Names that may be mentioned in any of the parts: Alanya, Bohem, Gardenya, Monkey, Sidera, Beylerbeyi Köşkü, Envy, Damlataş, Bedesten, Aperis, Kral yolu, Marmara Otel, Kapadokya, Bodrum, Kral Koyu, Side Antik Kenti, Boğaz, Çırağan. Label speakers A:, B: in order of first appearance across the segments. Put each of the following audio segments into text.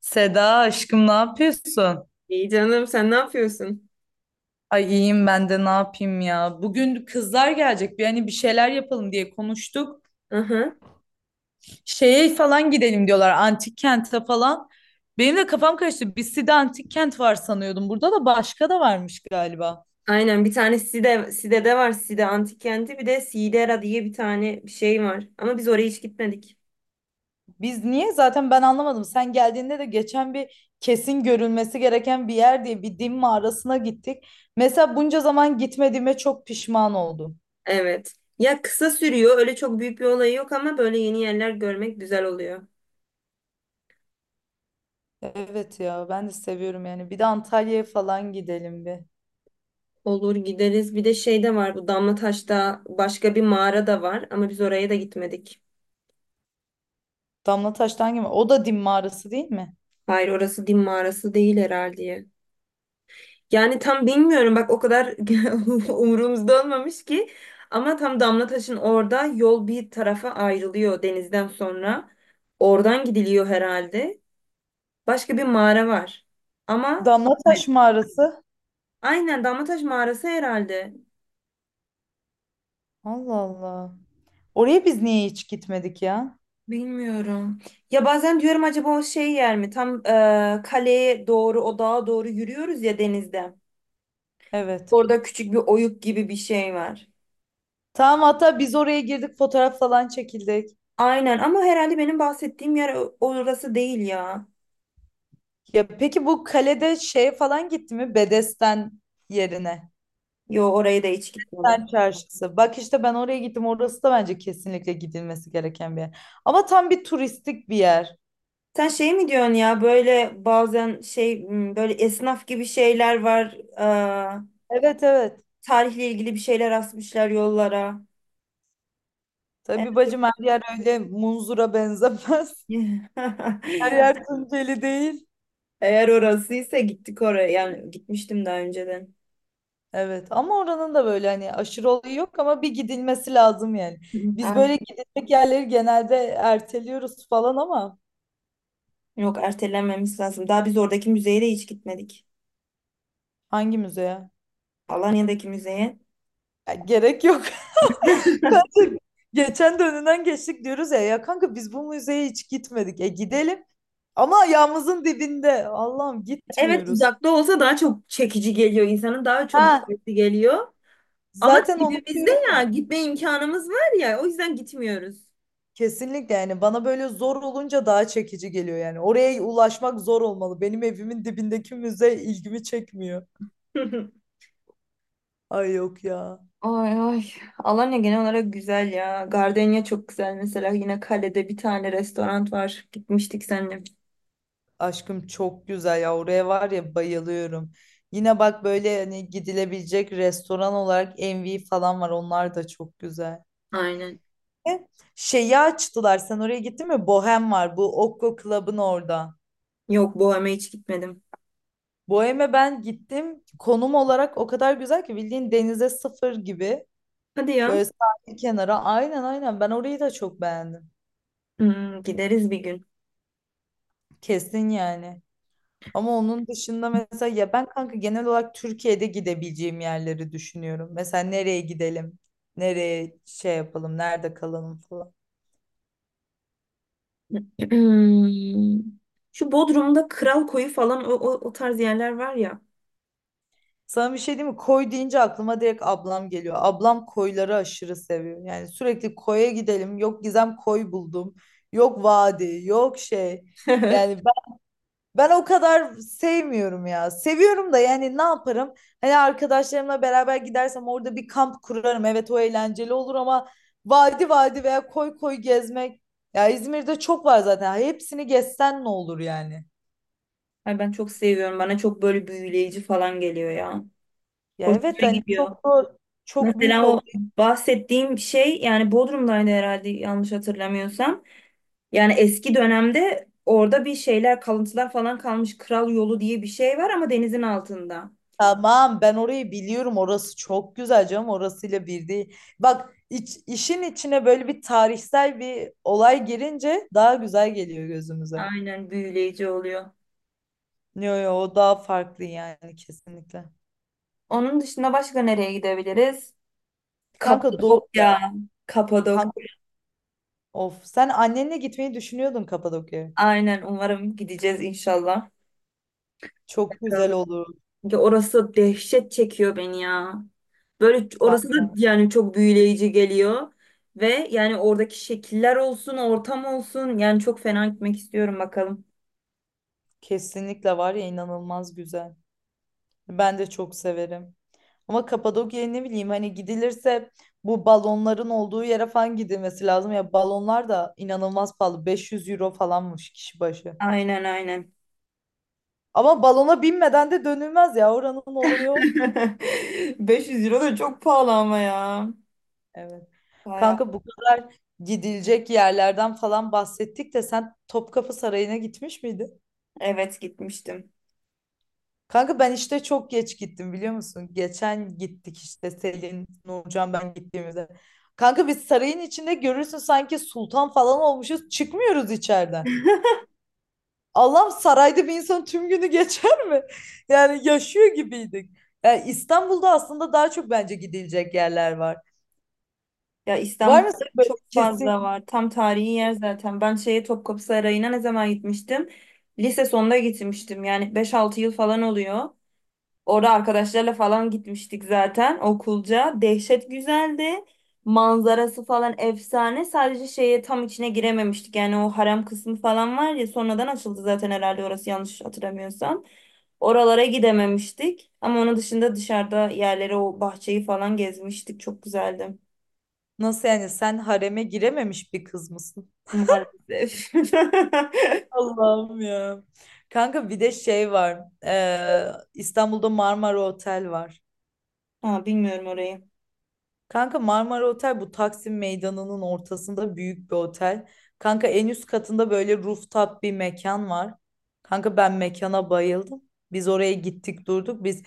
A: Seda aşkım ne yapıyorsun?
B: İyi canım, sen ne yapıyorsun?
A: Ay iyiyim ben de ne yapayım ya. Bugün kızlar gelecek bir hani bir şeyler yapalım diye konuştuk.
B: Aha.
A: Şeye falan gidelim diyorlar antik kente falan. Benim de kafam karıştı. Bissi'de antik kent var sanıyordum. Burada da başka da varmış galiba.
B: Aynen, bir tane Side, Side'de var. Side Antik Kenti, bir de Sidera diye bir tane bir şey var. Ama biz oraya hiç gitmedik.
A: Biz niye? Zaten ben anlamadım. Sen geldiğinde de geçen bir kesin görülmesi gereken bir yer diye bir din mağarasına gittik. Mesela bunca zaman gitmediğime çok pişman oldum.
B: Evet. Ya kısa sürüyor. Öyle çok büyük bir olayı yok ama böyle yeni yerler görmek güzel oluyor.
A: Evet ya ben de seviyorum yani. Bir de Antalya'ya falan gidelim bir.
B: Olur, gideriz. Bir de şey de var. Bu Damlataş'ta başka bir mağara da var. Ama biz oraya da gitmedik.
A: Damlataş'tan gibi. O da Dim mağarası değil mi?
B: Hayır, orası din mağarası değil herhalde. Yani tam bilmiyorum bak, o kadar umurumuzda olmamış ki, ama tam Damlataş'ın orada yol bir tarafa ayrılıyor denizden sonra. Oradan gidiliyor herhalde. Başka bir mağara var. Ama evet,
A: Damlataş mağarası.
B: aynen Damlataş mağarası herhalde.
A: Allah Allah. Oraya biz niye hiç gitmedik ya?
B: Bilmiyorum. Ya bazen diyorum acaba o şey yer mi? Tam kaleye doğru o dağa doğru yürüyoruz ya, denizde.
A: Evet.
B: Orada küçük bir oyuk gibi bir şey var.
A: Tamam, hatta biz oraya girdik, fotoğraf falan çekildik.
B: Aynen ama herhalde benim bahsettiğim yer orası değil ya.
A: Ya peki bu kalede şey falan gitti mi? Bedesten yerine.
B: Yo, oraya da hiç gitmedim.
A: Bedesten çarşısı. Bak işte ben oraya gittim. Orası da bence kesinlikle gidilmesi gereken bir yer. Ama tam bir turistik bir yer.
B: Sen şey mi diyorsun ya, böyle bazen böyle esnaf gibi şeyler var. Aa,
A: Evet evet.
B: tarihle ilgili bir şeyler asmışlar yollara. Eğer,
A: Tabii bacım, her yer öyle munzura benzemez. Her yer Tunceli değil.
B: Eğer orasıysa gittik oraya. Yani gitmiştim daha önceden.
A: Evet, ama oranın da böyle hani aşırı olayı yok ama bir gidilmesi lazım yani.
B: Hı,
A: Biz
B: aynen.
A: böyle gidilecek yerleri genelde erteliyoruz falan ama
B: Yok, ertelenmemiz lazım. Daha biz oradaki müzeye de hiç gitmedik.
A: hangi müzeye?
B: Alanya'daki müzeye.
A: Ya gerek yok. Geçen de önünden geçtik diyoruz ya, ya kanka biz bu müzeye hiç gitmedik. E gidelim ama ayağımızın dibinde. Allah'ım
B: Evet,
A: gitmiyoruz.
B: uzakta olsa daha çok çekici geliyor insanın, daha çok
A: Ha,
B: gitmesi geliyor. Ama
A: zaten
B: dibimizde
A: unutuyorum.
B: ya, gitme imkanımız var ya, o yüzden gitmiyoruz.
A: Kesinlikle yani, bana böyle zor olunca daha çekici geliyor yani. Oraya ulaşmak zor olmalı. Benim evimin dibindeki müze ilgimi çekmiyor. Ay yok ya.
B: Ay ay. Alanya genel olarak güzel ya. Gardenya çok güzel mesela. Yine kalede bir tane restoran var. Gitmiştik seninle.
A: Aşkım çok güzel ya. Oraya var ya bayılıyorum. Yine bak böyle hani gidilebilecek restoran olarak Envy falan var. Onlar da çok güzel.
B: Aynen.
A: E, Şeyi açtılar. Sen oraya gittin mi? Bohem var. Bu Okko Club'ın orada.
B: Yok, Bohem'e hiç gitmedim.
A: Bohem'e ben gittim. Konum olarak o kadar güzel ki bildiğin denize sıfır gibi.
B: Hadi ya.
A: Böyle sahil kenara. Aynen aynen. Ben orayı da çok beğendim.
B: Hmm, gideriz bir gün.
A: Kesin yani. Ama onun dışında mesela ya ben kanka genel olarak Türkiye'de gidebileceğim yerleri düşünüyorum. Mesela nereye gidelim? Nereye şey yapalım? Nerede kalalım falan.
B: Şu Bodrum'da Kral Koyu falan, o tarz yerler var ya.
A: Sana bir şey diyeyim mi? Koy deyince aklıma direkt ablam geliyor. Ablam koyları aşırı seviyor. Yani sürekli koya gidelim. Yok Gizem koy buldum. Yok vadi, yok şey. Yani ben o kadar sevmiyorum ya. Seviyorum da yani ne yaparım? Hani arkadaşlarımla beraber gidersem orada bir kamp kurarım. Evet o eğlenceli olur ama vadi vadi veya koy koy gezmek. Ya İzmir'de çok var zaten. Hepsini gezsen ne olur yani?
B: Ay ben çok seviyorum. Bana çok böyle büyüleyici falan geliyor ya.
A: Ya
B: Hoşuma
A: evet hani
B: gidiyor.
A: çok da çok büyük
B: Mesela o
A: olur.
B: bahsettiğim şey yani Bodrum'daydı herhalde, yanlış hatırlamıyorsam. Yani eski dönemde orada bir şeyler, kalıntılar falan kalmış. Kral yolu diye bir şey var ama denizin altında.
A: Tamam ben orayı biliyorum. Orası çok güzel canım. Orasıyla bir değil. Bak işin içine böyle bir tarihsel bir olay girince daha güzel geliyor gözümüze.
B: Aynen, büyüleyici oluyor.
A: Yo yo, o daha farklı yani kesinlikle.
B: Onun dışında başka nereye gidebiliriz?
A: Kanka doğu ya.
B: Kapadokya. Kapadok.
A: Kanka of. Sen annenle gitmeyi düşünüyordun Kapadokya'ya.
B: Aynen, umarım gideceğiz inşallah.
A: Çok güzel
B: Bakalım.
A: olur
B: Çünkü orası dehşet çekiyor beni ya. Böyle orası da
A: kanka.
B: yani çok büyüleyici geliyor. Ve yani oradaki şekiller olsun, ortam olsun. Yani çok fena gitmek istiyorum, bakalım.
A: Kesinlikle var ya, inanılmaz güzel. Ben de çok severim. Ama Kapadokya'ya ne bileyim hani gidilirse bu balonların olduğu yere falan gidilmesi lazım. Ya balonlar da inanılmaz pahalı. 500 € falanmış kişi başı.
B: Aynen aynen.
A: Ama balona binmeden de dönülmez ya, oranın olayı o.
B: 500 euro da çok pahalı ama ya.
A: Evet.
B: Bayağı.
A: Kanka bu kadar gidilecek yerlerden falan bahsettik de sen Topkapı Sarayı'na gitmiş miydin?
B: Evet, gitmiştim.
A: Kanka ben işte çok geç gittim, biliyor musun? Geçen gittik işte Selin, Nurcan, ben gittiğimizde. Kanka biz sarayın içinde, görürsün, sanki sultan falan olmuşuz. Çıkmıyoruz içeriden. Allah'ım, sarayda bir insan tüm günü geçer mi? Yani yaşıyor gibiydik. Yani İstanbul'da aslında daha çok bence gidilecek yerler var.
B: Ya
A: Var mı senin
B: İstanbul'da
A: böyle
B: çok
A: kesin?
B: fazla var. Tam tarihi yer zaten. Ben şeye Topkapı Sarayı'na ne zaman gitmiştim? Lise sonunda gitmiştim. Yani 5-6 yıl falan oluyor. Orada arkadaşlarla falan gitmiştik zaten okulca. Dehşet güzeldi. Manzarası falan efsane. Sadece şeye tam içine girememiştik. Yani o harem kısmı falan var ya, sonradan açıldı zaten herhalde orası, yanlış hatırlamıyorsam. Oralara gidememiştik. Ama onun dışında dışarıda yerleri, o bahçeyi falan gezmiştik. Çok güzeldi.
A: Nasıl yani, sen hareme girememiş bir kız mısın?
B: Maalesef.
A: Allah'ım ya. Kanka bir de şey var. İstanbul'da Marmara Otel var.
B: Ha, bilmiyorum orayı.
A: Kanka Marmara Otel bu Taksim Meydanı'nın ortasında büyük bir otel. Kanka en üst katında böyle rooftop bir mekan var. Kanka ben mekana bayıldım. Biz oraya gittik durduk. Biz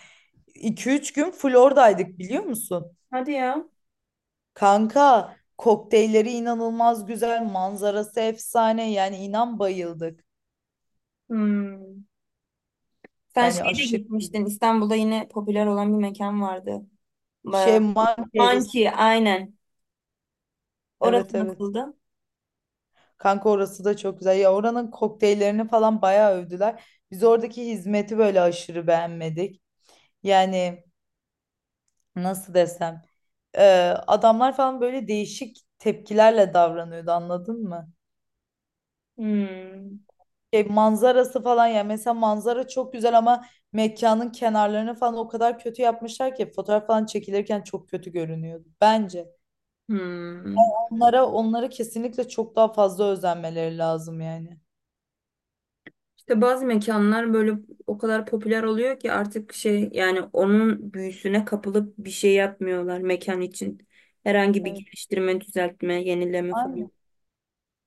A: iki üç gün full oradaydık, biliyor musun?
B: Hadi ya.
A: Kanka kokteylleri inanılmaz güzel, manzarası efsane. Yani inan bayıldık.
B: Hmm. Sen
A: Yani
B: şeye de
A: aşırı
B: gitmiştin. İstanbul'da yine popüler olan bir mekan vardı.
A: şey, Monkeys.
B: Monkey, aynen.
A: Evet
B: Orası
A: evet.
B: nasıldı?
A: Kanka orası da çok güzel. Ya oranın kokteyllerini falan bayağı övdüler. Biz oradaki hizmeti böyle aşırı beğenmedik. Yani nasıl desem, e, adamlar falan böyle değişik tepkilerle davranıyordu, anladın mı?
B: Hmm.
A: Şey, manzarası falan ya mesela manzara çok güzel ama mekanın kenarlarını falan o kadar kötü yapmışlar ki fotoğraf falan çekilirken çok kötü görünüyordu bence.
B: Hmm.
A: Onlara kesinlikle çok daha fazla özenmeleri lazım yani.
B: İşte bazı mekanlar böyle o kadar popüler oluyor ki artık şey yani, onun büyüsüne kapılıp bir şey yapmıyorlar mekan için. Herhangi bir geliştirme, düzeltme, yenileme falan.
A: Evet.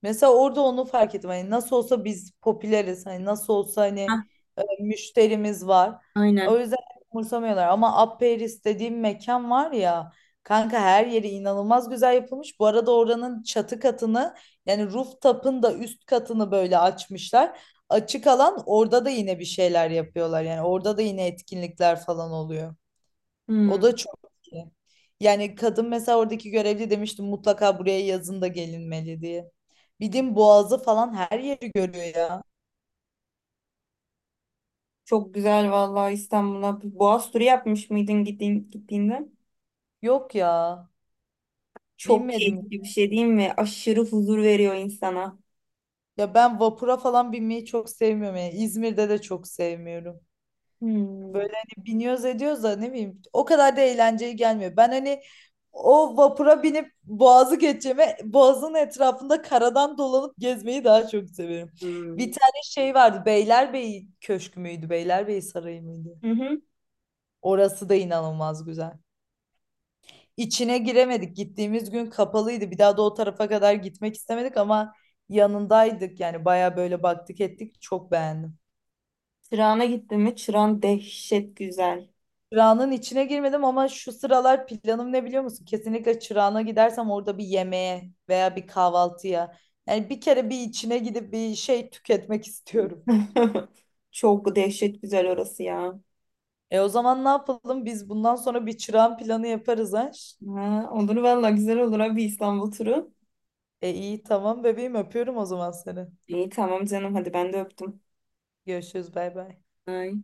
A: Mesela orada onu fark ettim. Hani nasıl olsa biz popüleriz. Hani nasıl olsa hani
B: Hah,
A: müşterimiz var. O
B: aynen.
A: yüzden umursamıyorlar. Ama Aperis dediğim mekan var ya kanka, her yeri inanılmaz güzel yapılmış. Bu arada oranın çatı katını, yani rooftop'ın da üst katını böyle açmışlar. Açık alan, orada da yine bir şeyler yapıyorlar. Yani orada da yine etkinlikler falan oluyor. O
B: Hmm.
A: da çok iyi. Yani kadın, mesela oradaki görevli, demiştim mutlaka buraya yazın da gelinmeli diye. Bildiğin Boğaz'ı falan her yeri görüyor ya.
B: Çok güzel vallahi İstanbul'a. Bir Boğaz turu yapmış mıydın gittiğin, gittiğinde?
A: Yok ya.
B: Çok
A: Binmedim.
B: keyifli bir şey değil mi? Aşırı huzur veriyor insana.
A: Ya ben vapura falan binmeyi çok sevmiyorum. Yani İzmir'de de çok sevmiyorum.
B: Hmm.
A: Böyle hani biniyoruz ediyoruz da ne bileyim o kadar da eğlenceli gelmiyor. Ben hani o vapura binip boğazı geçeceğime boğazın etrafında karadan dolanıp gezmeyi daha çok severim.
B: Hmm.
A: Bir tane şey vardı, Beylerbeyi Köşkü müydü, Beylerbeyi Sarayı mıydı?
B: Hı hı.
A: Orası da inanılmaz güzel. İçine giremedik, gittiğimiz gün kapalıydı, bir daha da o tarafa kadar gitmek istemedik ama yanındaydık yani, baya böyle baktık ettik, çok beğendim.
B: Çırağan'a gittin mi? Çırağan dehşet güzel.
A: Çırağan'ın içine girmedim ama şu sıralar planım ne, biliyor musun? Kesinlikle Çırağan'a gidersem orada bir yemeğe veya bir kahvaltıya. Yani bir kere bir içine gidip bir şey tüketmek istiyorum.
B: Çok dehşet güzel orası ya.
A: E o zaman ne yapalım? Biz bundan sonra bir Çırağan planı yaparız ha.
B: Ha, olur valla, güzel olur abi, İstanbul turu.
A: E iyi tamam bebeğim, öpüyorum o zaman seni.
B: İyi tamam canım, hadi ben de öptüm.
A: Görüşürüz, bay bay.
B: Ay.